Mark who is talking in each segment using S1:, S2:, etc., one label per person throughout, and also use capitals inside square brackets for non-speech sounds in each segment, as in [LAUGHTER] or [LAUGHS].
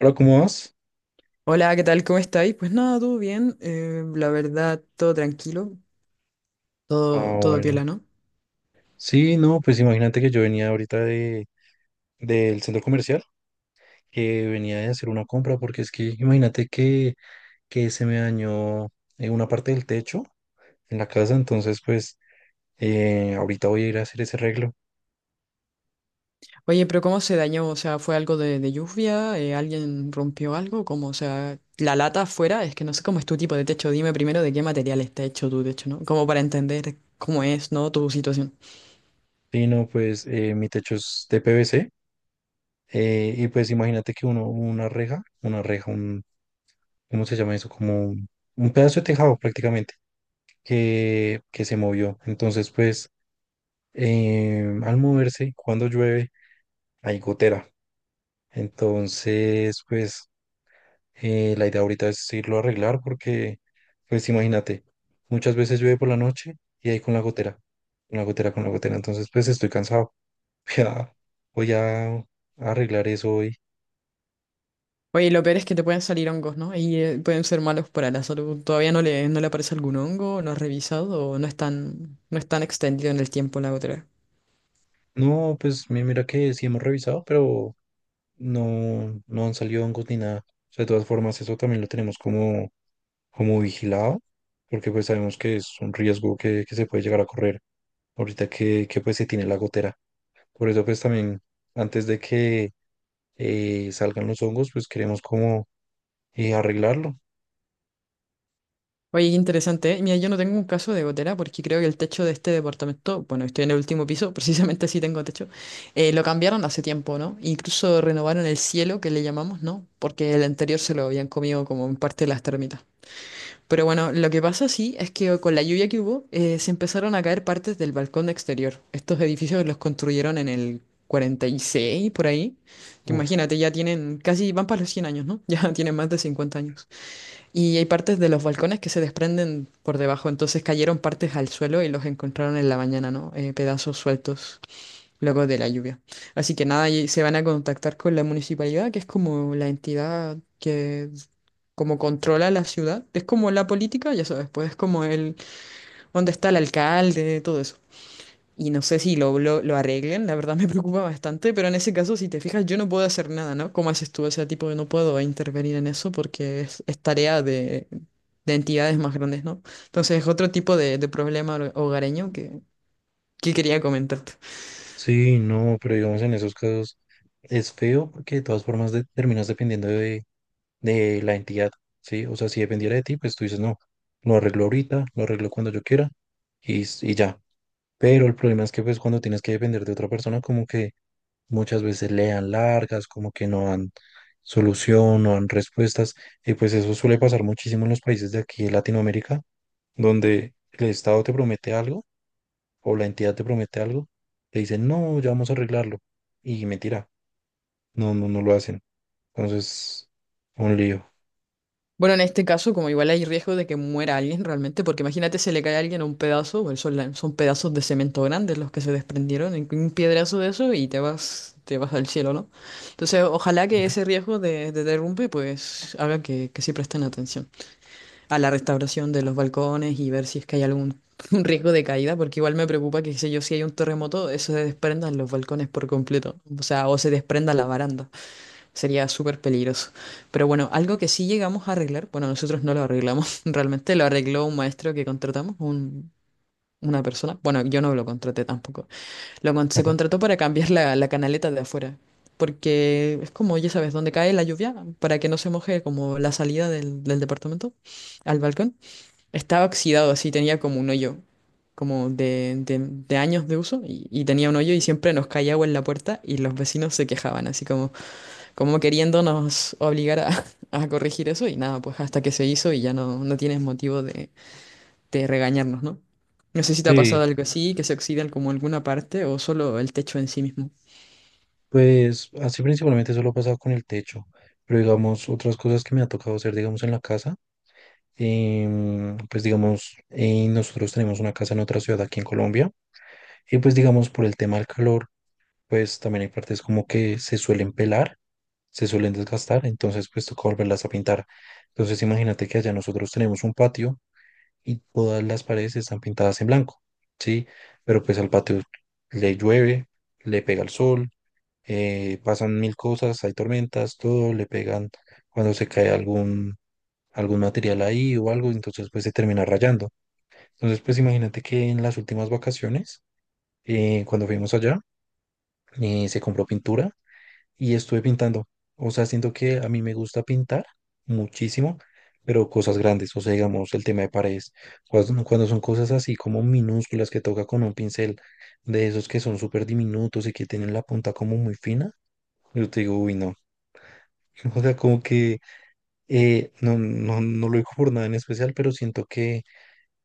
S1: Hola, ¿cómo vas?
S2: Hola, ¿qué tal? ¿Cómo estáis? Pues nada, todo bien. La verdad, todo tranquilo.
S1: Ah,
S2: Todo
S1: bueno.
S2: piola, ¿no?
S1: Sí, no, pues imagínate que yo venía ahorita de, del centro comercial, que venía de hacer una compra, porque es que imagínate que se me dañó una parte del techo en la casa. Entonces, pues ahorita voy a ir a hacer ese arreglo.
S2: Oye, pero ¿cómo se dañó? O sea, ¿fue algo de lluvia? ¿Alguien rompió algo? ¿Cómo? O sea, la lata afuera, es que no sé cómo es tu tipo de techo. Dime primero de qué material está hecho tu techo, ¿no? Como para entender cómo es, ¿no? Tu situación.
S1: Sí, no, pues mi techo es de PVC, y pues imagínate que uno, una reja, un, ¿cómo se llama eso? Como un pedazo de tejado prácticamente, que se movió. Entonces pues al moverse, cuando llueve, hay gotera. Entonces, pues la idea ahorita es irlo a arreglar porque, pues imagínate, muchas veces llueve por la noche y ahí con la gotera, con la gotera, con la gotera. Entonces, pues estoy cansado. [LAUGHS] Ya voy a arreglar eso hoy.
S2: Oye, lo peor es que te pueden salir hongos, ¿no? Y pueden ser malos para la salud. ¿Todavía no le aparece algún hongo? ¿No has revisado? ¿O no es tan extendido en el tiempo la gotera?
S1: No, pues mira que sí hemos revisado, pero no, no han salido hongos ni nada. O sea, de todas formas, eso también lo tenemos como, como vigilado, porque pues sabemos que es un riesgo que se puede llegar a correr, ahorita que pues se tiene la gotera. Por eso pues también antes de que salgan los hongos, pues queremos como arreglarlo.
S2: Oye, qué interesante, ¿eh? Mira, yo no tengo un caso de gotera porque creo que el techo de este departamento, bueno, estoy en el último piso, [LAUGHS] precisamente sí tengo techo, lo cambiaron hace tiempo, ¿no? Incluso renovaron el cielo, que le llamamos, ¿no? Porque el anterior se lo habían comido como en parte las termitas. Pero bueno, lo que pasa sí es que con la lluvia que hubo, se empezaron a caer partes del balcón exterior. Estos edificios los construyeron en el 46, por ahí. Que
S1: Uf,
S2: imagínate, ya tienen casi, van para los 100 años, ¿no? [LAUGHS] Ya tienen más de 50 años. Y hay partes de los balcones que se desprenden por debajo, entonces cayeron partes al suelo y los encontraron en la mañana, ¿no? Pedazos sueltos luego de la lluvia. Así que nada, y se van a contactar con la municipalidad, que es como la entidad que como controla la ciudad. Es como la política, ya sabes, pues es como el, dónde está el alcalde, todo eso. Y no sé si lo arreglen, la verdad [LAUGHS] me preocupa bastante, pero en ese caso, si te fijas, yo no puedo hacer nada, ¿no? ¿Cómo haces tú? O sea, tipo, no puedo intervenir en eso porque es tarea de entidades más grandes, ¿no? Entonces es otro tipo de problema hogareño que quería comentar.
S1: sí, no, pero digamos en esos casos es feo porque de todas formas terminas dependiendo de la entidad, ¿sí? O sea, si dependiera de ti, pues tú dices, no, lo arreglo ahorita, lo arreglo cuando yo quiera y, y ya. Pero el problema es que pues cuando tienes que depender de otra persona, como que muchas veces le dan largas, como que no dan solución, no dan respuestas, y pues eso suele pasar muchísimo en los países de aquí de Latinoamérica, donde el Estado te promete algo o la entidad te promete algo, te dicen, no, ya vamos a arreglarlo, y mentira, no, no lo hacen. Entonces, un lío.
S2: Bueno, en este caso, como igual hay riesgo de que muera alguien realmente, porque imagínate se le cae a alguien un pedazo, bueno, son, son pedazos de cemento grandes los que se desprendieron, un piedrazo de eso y te vas al cielo, ¿no? Entonces, ojalá que
S1: Ujú.
S2: ese riesgo de derrumbe, pues, haga que sí presten atención a la restauración de los balcones y ver si es que hay algún [LAUGHS] un riesgo de caída, porque igual me preocupa que, qué sé yo, si hay un terremoto, eso se desprendan los balcones por completo, o sea, o se desprenda la baranda. Sería súper peligroso. Pero bueno, algo que sí llegamos a arreglar, bueno, nosotros no lo arreglamos, [LAUGHS] realmente lo arregló un maestro que contratamos, una persona. Bueno, yo no lo contraté tampoco. Se
S1: [LAUGHS]
S2: contrató para cambiar la, la canaleta de afuera, porque es como, ya sabes, donde cae la lluvia, para que no se moje como la salida del, del departamento al balcón. Estaba oxidado, así tenía como un hoyo, como de, de años de uso, y tenía un hoyo y siempre nos caía agua en la puerta y los vecinos se quejaban, así como como queriéndonos obligar a, [LAUGHS] a corregir eso y nada, pues hasta que se hizo y ya no, no tienes motivo de regañarnos, ¿no? No sé si te ha
S1: Sí,
S2: pasado algo así, que se oxidan como alguna parte o solo el techo en sí mismo.
S1: pues así principalmente eso lo ha pasado con el techo, pero digamos, otras cosas que me ha tocado hacer, digamos, en la casa. Pues digamos, nosotros tenemos una casa en otra ciudad aquí en Colombia y pues digamos por el tema del calor, pues también hay partes como que se suelen pelar, se suelen desgastar, entonces pues toca volverlas a pintar. Entonces imagínate que allá nosotros tenemos un patio y todas las paredes están pintadas en blanco, ¿sí? Pero pues al patio le llueve, le pega el sol, pasan mil cosas, hay tormentas, todo, le pegan cuando se cae algún, algún material ahí o algo, entonces pues se termina rayando. Entonces, pues imagínate que en las últimas vacaciones, cuando fuimos allá, se compró pintura y estuve pintando. O sea, siento que a mí me gusta pintar muchísimo, pero cosas grandes. O sea, digamos, el tema de paredes. Cuando son cosas así como minúsculas que toca con un pincel de esos que son súper diminutos y que tienen la punta como muy fina, yo te digo, uy, no. [LAUGHS] O sea, como que no, no lo digo por nada en especial, pero siento que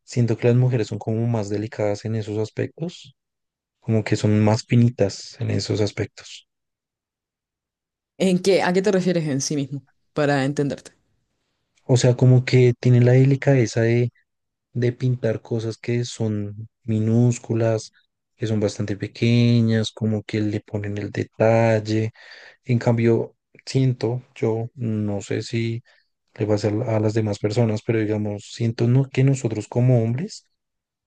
S1: siento que las mujeres son como más delicadas en esos aspectos, como que son más finitas en esos aspectos.
S2: ¿En qué? ¿A qué te refieres en sí mismo? Para entenderte.
S1: O sea, como que tienen la delicadeza de pintar cosas que son minúsculas, que son bastante pequeñas, como que le ponen el detalle. En cambio, siento, yo no sé si le va a ser a las demás personas, pero digamos, siento no, que nosotros como hombres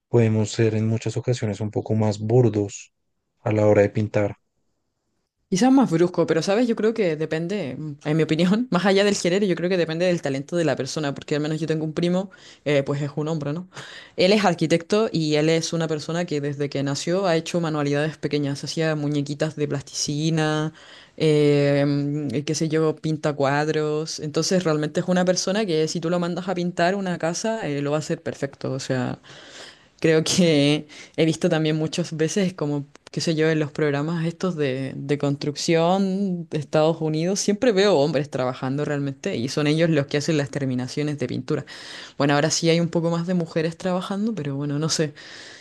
S1: podemos ser en muchas ocasiones un poco más burdos a la hora de pintar.
S2: Quizás más brusco, pero sabes, yo creo que depende, mm, en mi opinión, [LAUGHS] más allá del género, yo creo que depende del talento de la persona, porque al menos yo tengo un primo, pues es un hombre, ¿no? [LAUGHS] Él es arquitecto y él es una persona que desde que nació ha hecho manualidades pequeñas, hacía muñequitas de plasticina, qué sé yo, pinta cuadros, entonces realmente es una persona que si tú lo mandas a pintar una casa, lo va a hacer perfecto, o sea... Creo que he visto también muchas veces, como, qué sé yo, en los programas estos de construcción de Estados Unidos, siempre veo hombres trabajando realmente y son ellos los que hacen las terminaciones de pintura. Bueno, ahora sí hay un poco más de mujeres trabajando, pero bueno, no sé.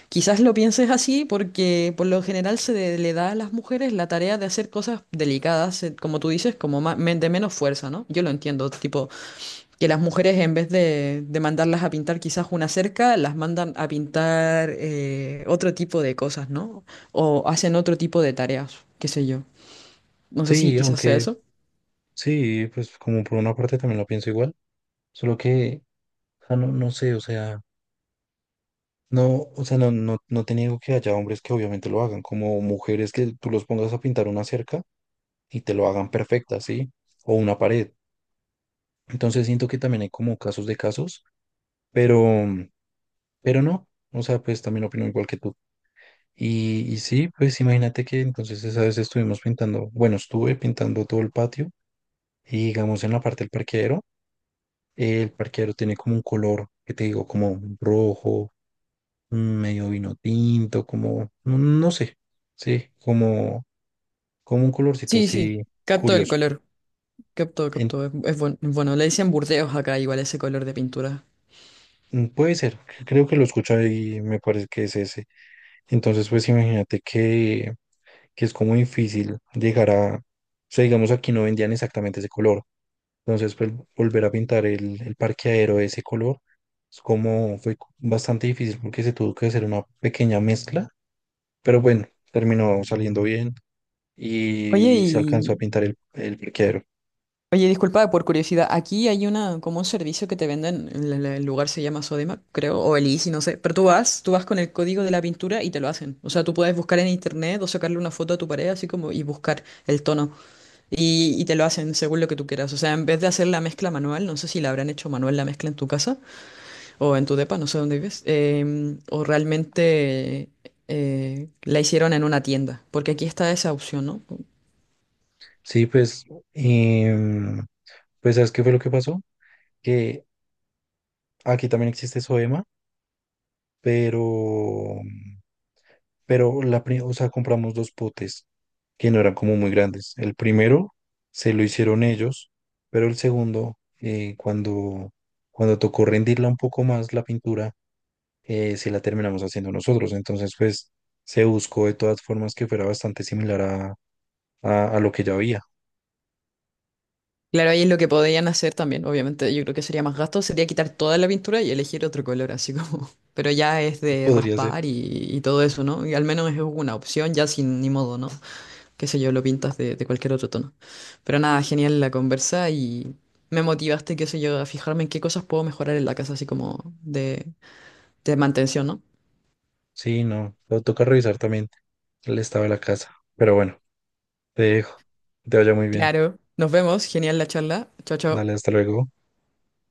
S2: Quizás lo pienses así porque por lo general le da a las mujeres la tarea de hacer cosas delicadas, como tú dices, como de menos fuerza, ¿no? Yo lo entiendo, tipo, que las mujeres en vez de mandarlas a pintar quizás una cerca, las mandan a pintar otro tipo de cosas, ¿no? O hacen otro tipo de tareas, qué sé yo. No sé si
S1: Sí,
S2: quizás sea
S1: aunque
S2: eso.
S1: sí, pues como por una parte también lo pienso igual. Solo que, o no, no sé, o sea, no, no te niego que haya hombres que obviamente lo hagan, como mujeres que tú los pongas a pintar una cerca y te lo hagan perfecta, ¿sí? O una pared. Entonces siento que también hay como casos de casos, pero, pero no, o sea, pues también opino igual que tú. Y sí, pues imagínate que entonces esa vez estuvimos pintando, bueno, estuve pintando todo el patio y digamos en la parte del parqueadero, el parqueadero tiene como un color, que te digo, como rojo medio vino tinto, como, no, no sé, sí, como, como un colorcito
S2: Sí, sí,
S1: así
S2: capto el
S1: curioso.
S2: color, capto,
S1: En-
S2: capto, es, es bueno. Le dicen burdeos acá igual ese color de pintura.
S1: mm, puede ser, creo que lo escuché y me parece que es ese. Entonces, pues imagínate que es como difícil llegar a, o sea, digamos, aquí no vendían exactamente ese color. Entonces, pues, volver a pintar el parqueadero de ese color es como fue bastante difícil porque se tuvo que hacer una pequeña mezcla, pero bueno, terminó saliendo bien
S2: Oye,
S1: y se alcanzó a
S2: y,
S1: pintar el parqueadero.
S2: Oye, disculpa, por curiosidad, aquí hay una, como un servicio que te venden, el, el lugar se llama Sodema, creo, o el Easy, no sé, pero tú vas con el código de la pintura y te lo hacen. O sea, tú puedes buscar en internet o sacarle una foto a tu pared, así como, y buscar el tono, y te lo hacen según lo que tú quieras. O sea, en vez de hacer la mezcla manual, no sé si la habrán hecho manual la mezcla en tu casa o en tu depa, no sé dónde vives, o realmente la hicieron en una tienda, porque aquí está esa opción, ¿no?
S1: Sí, pues, em, pues ¿sabes qué fue lo que pasó? Que aquí también existe SOEMA. pero, pero la, o sea, compramos dos potes que no eran como muy grandes. El primero se lo hicieron ellos, pero el segundo, cuando, cuando tocó rendirla un poco más la pintura, se la terminamos haciendo nosotros. Entonces, pues se buscó de todas formas que fuera bastante similar a lo que ya había.
S2: Claro, ahí es lo que podrían hacer también, obviamente. Yo creo que sería más gasto, sería quitar toda la pintura y elegir otro color, así como. [LAUGHS] Pero ya es de
S1: Podría ser.
S2: raspar y todo eso, ¿no? Y al menos es una opción, ya sin ni modo, ¿no? Qué sé yo, lo pintas de cualquier otro tono. Pero nada, genial la conversa y me motivaste, qué sé yo, a fijarme en qué cosas puedo mejorar en la casa, así como de mantención, ¿no?
S1: Sí, no, lo toca revisar también el estado de la casa. Pero bueno, te dejo. Que te vaya muy bien.
S2: Claro, nos vemos, genial la charla. Chao, chao.
S1: Dale, hasta luego.